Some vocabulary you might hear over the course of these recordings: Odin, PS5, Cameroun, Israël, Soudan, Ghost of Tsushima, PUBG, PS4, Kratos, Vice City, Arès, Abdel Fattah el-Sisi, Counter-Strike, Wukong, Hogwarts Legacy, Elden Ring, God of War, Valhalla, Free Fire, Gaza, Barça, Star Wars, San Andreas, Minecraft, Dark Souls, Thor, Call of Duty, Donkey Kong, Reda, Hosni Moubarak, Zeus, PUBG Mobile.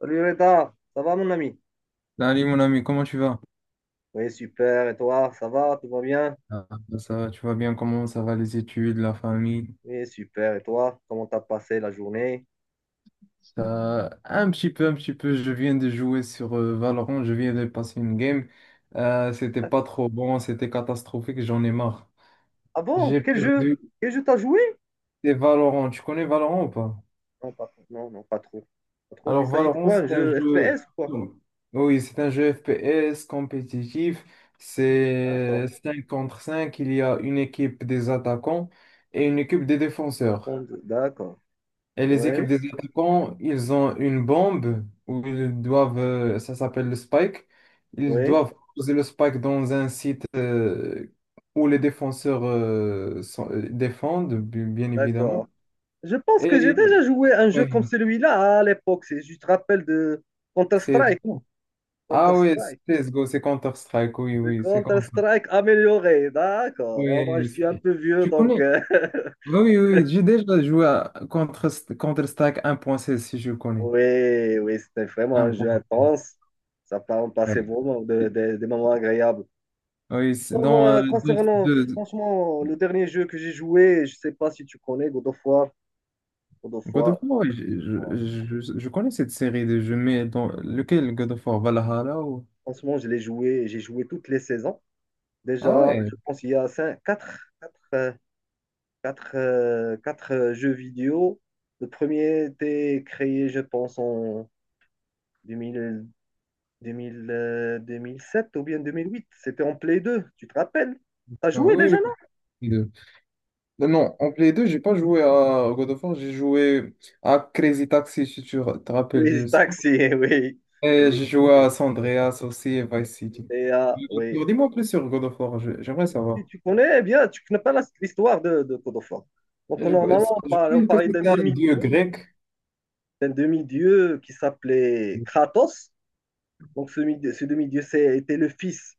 Salut Reda, ça va mon ami? Salut mon ami, comment tu vas? Oui, super, et toi, ça va, tout va bien? Ah, ça va, tu vas bien? Comment ça va les études, la famille? Oui, super, et toi, comment t'as passé la journée? Ça, un petit peu, un petit peu. Je viens de jouer sur Valorant, je viens de passer une game. C'était Ah, pas trop bon, c'était catastrophique, j'en ai marre. ah bon, J'ai quel jeu? perdu. Quel jeu t'as joué? C'est Valorant. Tu connais Valorant ou pas? Non, pas, non, non, pas trop. Pas trop, il Alors s'agit de Valorant, quoi, un c'est un jeu jeu. FPS ou quoi? Oui, c'est un jeu FPS compétitif. C'est D'accord, 5 contre cinq. Il y a une équipe des attaquants et une équipe des défenseurs. d'accord, Et les équipes oui, des attaquants, ils ont une bombe où ils doivent, ça s'appelle le spike, ils oui, doivent poser le spike dans un site où les défenseurs défendent, bien d'accord. évidemment. Je pense que j'ai déjà Et joué un jeu ouais, comme celui-là à l'époque, c'est, je te rappelle de Counter-Strike, CSGO. Ah oui, Counter-Strike. CSGO, c'est Counter-Strike, oui, Le oui, c'est comme ça. Counter-Strike amélioré, d'accord. Ah, moi, je Oui, suis un peu vieux, tu donc... connais? euh, Oui, oui, oui, j'ai déjà joué à Counter-Strike 1.16, si je connais. Oui, oui, c'était vraiment un jeu 1.16. intense. Ça part, passait Ouais. vraiment des moments agréables. Oui, c'est Bon, dans moi, concernant, de- franchement, le dernier jeu que j'ai joué, je sais pas si tu connais, God of War. God of God War, of War, ouais, je connais cette série de jeux, mais dans lequel God of War? Valhalla ou... franchement, je l'ai joué, j'ai joué toutes les saisons. Ah Déjà, ouais, je pense qu'il y a cinq, quatre, quatre, jeux vidéo. Le premier était créé, je pense, en 2000, 2007 ou bien 2008. C'était en Play 2, tu te rappelles? T'as non, joué oui, déjà? oui. Play 2. Non, non, en Play 2 j'ai pas joué à God of War, j'ai joué à Crazy Taxi, si tu te rappelles de Oui, ça. taxi, oui, Et oui, j'ai joué oui, à San Andreas aussi et Vice City. GTA, oui. Alors, dis-moi plus sur God of War, j'aimerais Et savoir. tu connais eh bien, tu connais pas l'histoire de God. Donc, Je normalement, on crois que parlait c'était un dieu grec. d'un demi-dieu qui s'appelait Kratos. Donc, ce demi-dieu était le fils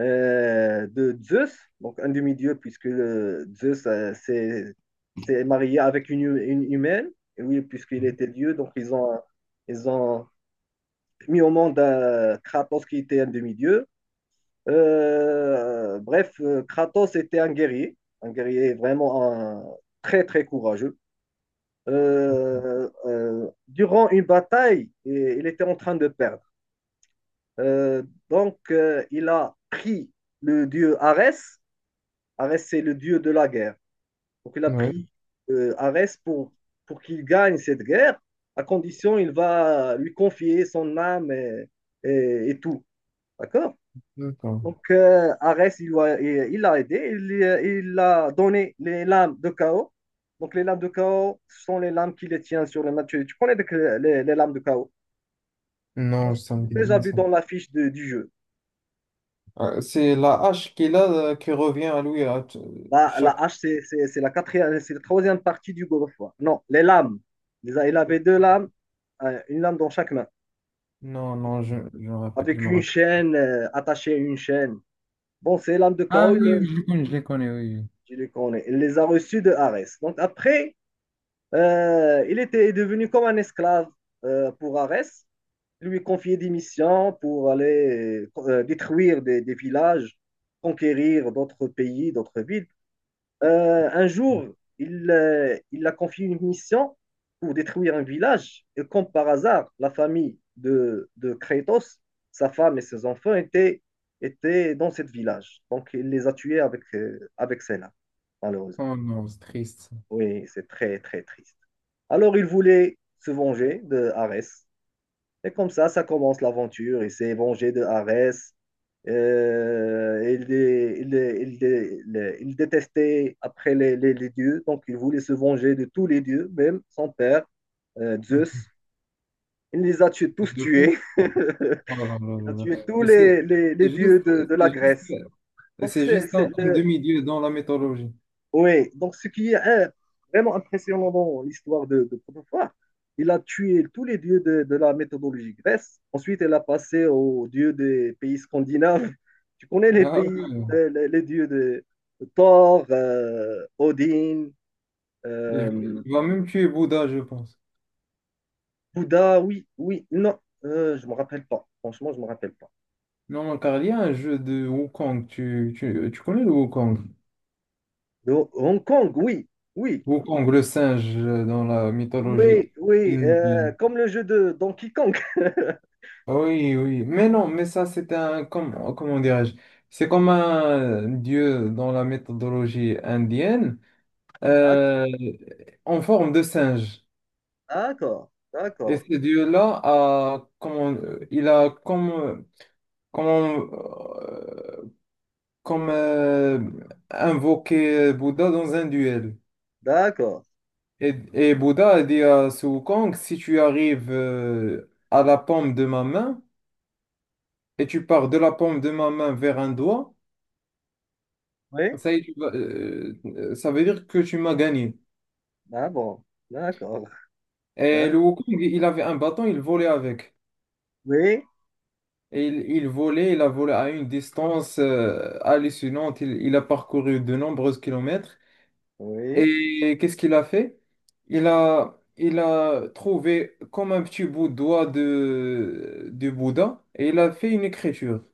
de Zeus. Donc, un demi-dieu, puisque Zeus s'est s'est marié avec une, une humaine. Et oui, puisqu'il était dieu, ils ont mis au monde un Kratos qui était un demi-dieu. Kratos était un guerrier, un guerrier vraiment un- très très courageux. Durant une bataille, il était en train de perdre. Euh, il a pris le dieu Arès. Arès, c'est le dieu de la guerre. Donc, il a Oui, pris Arès pour qu'il gagne cette guerre, à condition il va lui confier son âme et tout. D'accord? d'accord. Donc, Arès, il l'a aidé, il a donné les lames de chaos. Donc, les lames de chaos sont les lames qui les tiennent sur le match. Tu connais donc, les lames de chaos. Non, Tu ça me dit l'as déjà rien, vu ça. dans la fiche du jeu. C'est la hache qu'il a qui revient à lui La chaque. hache, c'est la quatrième, c'est la troisième partie du God of War. Non, les lames. Il avait deux lames, une lame dans chaque main, Non, non, je me rappelle, je avec me une rappelle. chaîne attachée à une chaîne. Bon, ces lames de Ah chaos, oui, oui, je les connais, oui. je les connais. Il les a reçues de Arès. Donc, après, il était devenu comme un esclave pour Arès. Il lui confiait des missions pour aller détruire des villages, conquérir d'autres pays, d'autres villes. Un Oui. jour, il a confié une mission pour détruire un village. Et comme par hasard, la famille de Kratos, sa femme et ses enfants étaient, étaient dans ce village. Donc, il les a tués avec, avec celle-là, malheureusement. Oh non, c'est triste, ça. Oui, c'est très, très triste. Alors il voulait se venger de Arès. Et comme ça commence l'aventure. Il s'est vengé de Arès. Il, dé- il dé- il dé- il- dé- Il détestait après les dieux, donc il voulait se venger de tous les dieux, même son père, Zeus. Il les a tués, Il tous le fait. tués. Oh là là Il a là là. tué tous Et les c'est juste, dieux de la c'est juste, Grèce. et Donc c'est c'est, juste c'est un le, demi-dieu dans la mythologie. Oui, donc ce qui est vraiment impressionnant dans l'histoire de Protophore, il a tué tous les dieux de la méthodologie grecque. Ensuite, il a passé aux dieux des pays scandinaves. Tu connais les Ah pays, ouais, ouais. Les dieux de Thor, Odin, Il, euh, il va même tuer Bouddha, je pense. Bouddha, oui, oui, non, je ne me rappelle pas. Franchement, je ne me rappelle pas. Non, car il y a un jeu de Wukong. Tu connais le Wukong? De Hong Kong, oui, oui, Wukong, le singe dans la oui, mythologie oui, indienne. comme le jeu de Donkey Kong. Oui, oui, mais non, mais ça c'est un, comment, comment dirais-je, c'est comme un dieu dans la méthodologie indienne, D'accord, euh, en forme de singe. d'accord, Et d'accord, ce dieu-là a, comment, il a comme, euh, comme invoqué Bouddha dans un duel. d'accord. Et Bouddha a dit à Sun Wukong, si tu arrives à la paume de ma main et tu pars de la paume de ma main vers un doigt, Oui? ça y est, ça veut dire que tu m'as gagné. Ah bon, d'accord. Et Hein? le Wukong, il avait un bâton, il volait avec. Oui, Et il volait, il a volé à une distance hallucinante. Il a parcouru de nombreux kilomètres. oui, Et qu'est-ce qu'il a fait? Il a trouvé comme un petit bout de doigt de, du Bouddha et il a fait une écriture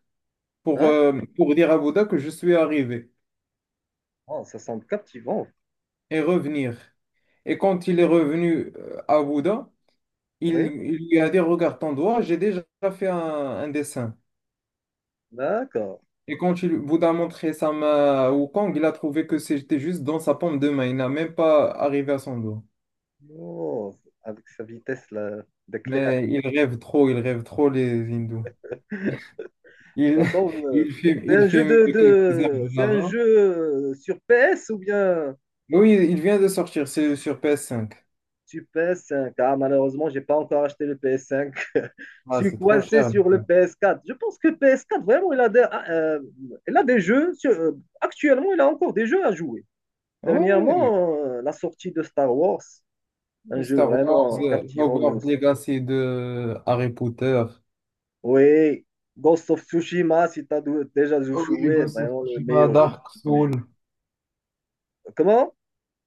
d'accord. Pour dire à Bouddha que je suis arrivé Oh, ça semble captivant. et revenir. Et quand il est revenu à Bouddha, Il, Oui, il lui a dit, regarde ton doigt, j'ai déjà fait un dessin. d'accord. Et quand il, Bouddha a montré sa main à Wukong, il a trouvé que c'était juste dans sa paume de main. Il n'a même pas arrivé à son doigt. Oh, avec sa vitesse là, d'éclair, Mais il rêve trop les hindous. ça Il, semble. C'est il un jeu filme quelques heures C'est un là-bas. jeu sur PS ou bien Oui, il vient de sortir, c'est sur PS5. sur PS5? Ah, malheureusement, j'ai pas encore acheté le PS5. Ah, Je suis c'est trop coincé cher. sur le PS4. Je pense que PS4, vraiment, il a il a des jeux. Actuellement, il a encore des jeux à jouer. Oui, Dernièrement, la sortie de Star Wars, un oui. jeu Star Wars, vraiment captivant. Hogwarts Legacy de Harry Potter. Oui, Ghost of Tsushima, si tu as déjà Oui, joué, Ghost of vraiment le Tsushima, meilleur jeu que Dark j'ai jamais Souls. joué. Comment?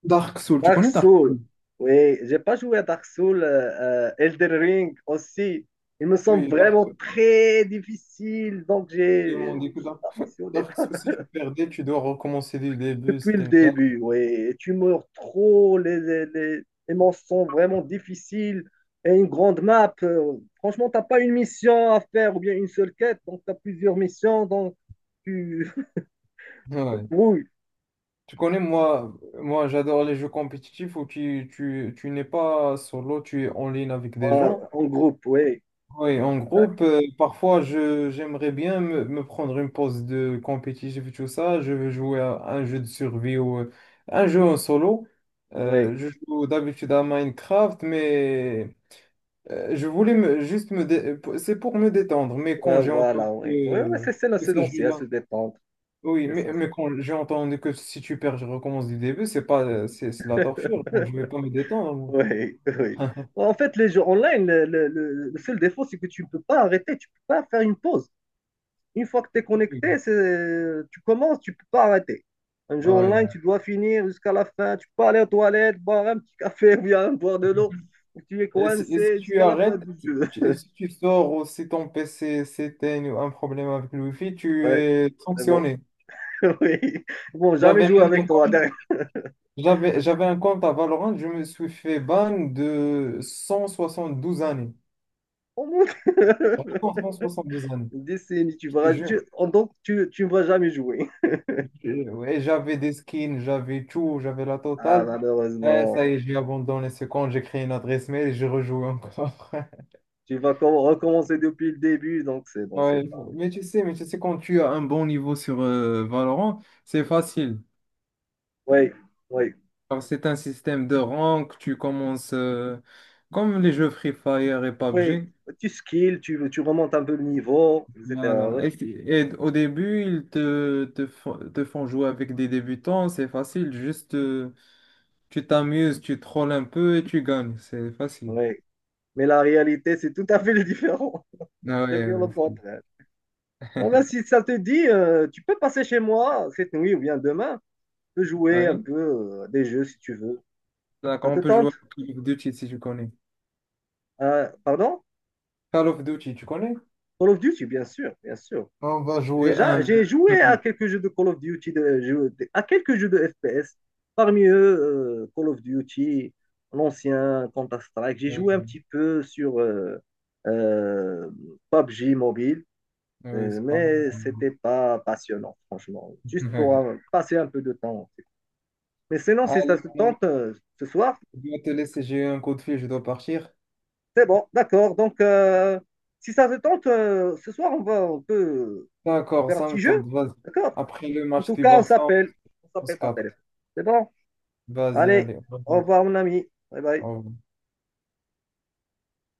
Dark Souls, tu Dark connais Dark Souls. Souls? Oui, j'ai pas joué à Dark Souls. Elden Ring aussi. Il me semble Oui, Dark vraiment Souls. très difficile, donc Ils m'ont dit que je suis Dark, pas passionné. Dark Souls, si tu perdais, tu dois recommencer du début. Depuis le C'était une carte. début, oui. Tu meurs trop, les manches sont vraiment difficiles et une grande map. Franchement, t'as pas une mission à faire ou bien une seule quête, donc t'as plusieurs missions, donc tu tu Ouais. brouilles. Tu connais, moi, moi j'adore les jeux compétitifs où tu n'es pas solo, tu es en ligne avec des Ouais, gens. en groupe, oui. Oui, en groupe, D'accord. Parfois, j'aimerais bien me prendre une pause de compétitif et tout ça. Je veux jouer à un jeu de survie ou un jeu en solo. Oui, Je joue d'habitude à Minecraft, mais. Je voulais me- juste me... dé- C'est pour me détendre, mais quand ouais, j'ai voilà, entendu que, oui. Oui, ouais, c'est euh, c'est que ces l'essentiel, jeux-là... se détendre. C'est Oui, l'essentiel. mais quand j'ai entendu que si tu perds, je recommence du début, c'est pas, c'est de la torture. Moi, je vais pas me détendre. Oui, oui. Moi. En fait, les jeux online, le seul défaut, c'est que tu ne peux pas arrêter, tu ne peux pas faire une pause. Une fois que tu es connecté, tu commences, tu ne peux pas arrêter. Un jeu Ouais. online, tu dois finir jusqu'à la fin. Tu peux aller aux toilettes, boire un petit café ou bien boire de l'eau. Tu es Et si coincé tu jusqu'à la fin arrêtes, du jeu. Et si tu sors ou si ton PC s'éteint ou un problème avec le Wi-Fi, tu Ouais, es c'est bon. sanctionné. Oui. Bon, jamais J'avais jouer même avec un toi. compte, derrière. J'avais un compte à Valorant, je me suis fait ban de 172 années. On monte. Vraiment, 172 années. Une décennie, tu Je te vas, tu, jure. donc tu ne vas jamais jouer. Et ouais, j'avais des skins, j'avais tout, j'avais la Ah, totale. Eh, malheureusement. ça y est, j'ai abandonné ce compte, j'ai créé une adresse mail et j'ai rejoué encore. Tu vas recommencer depuis le début, donc c'est bon, Ouais, c'est pas. Mais tu sais, quand tu as un bon niveau sur Valorant, c'est facile. Oui, oui, Car c'est un système de rank, tu commences comme les jeux Free Fire et oui. PUBG. Tu skills, tu remontes un peu le niveau, etc. Voilà. Oui. Et, et au début, ils te font jouer avec des débutants, c'est facile. Juste, tu t'amuses, tu trolls un peu et tu gagnes. C'est facile. Oui. Mais la réalité, c'est tout à fait le différent. Ah ouais, C'est bien le ouais, aussi. contraire. Ah ben, si ça te dit, tu peux passer chez moi cette nuit ou bien demain. Tu peux jouer un Oui. peu à des jeux si tu veux. D'accord, Ça on te peut jouer à tente? Call of Duty si tu connais. Pardon? Call of Duty, tu connais? Call of Duty, bien sûr, bien sûr. On va jouer Déjà, un, j'ai v un joué à contre. quelques jeux de Call of Duty, à quelques jeux de FPS. Parmi eux, Call of Duty, l'ancien Counter-Strike. J'ai Oui, joué un petit peu sur euh, PUBG Mobile. oui, c'est pas mal. Mais c'était pas passionnant, franchement. Juste pour Oui. Passer un peu de temps. Mais sinon, si ça Allez, se mon ami, tente ce soir, je dois te laisser, j'ai eu un coup de fil, je dois partir. c'est bon, d'accord. Donc, si ça se tente ce soir, on va, on peut D'accord, faire un ça me petit tente, jeu, vas-y. d'accord? Après le En match tout du cas, on Barça, s'appelle. On on se s'appelle par capte. téléphone. C'est bon? Vas-y, Allez, allez, au au revoir. revoir, mon ami. Bye bye. Au revoir.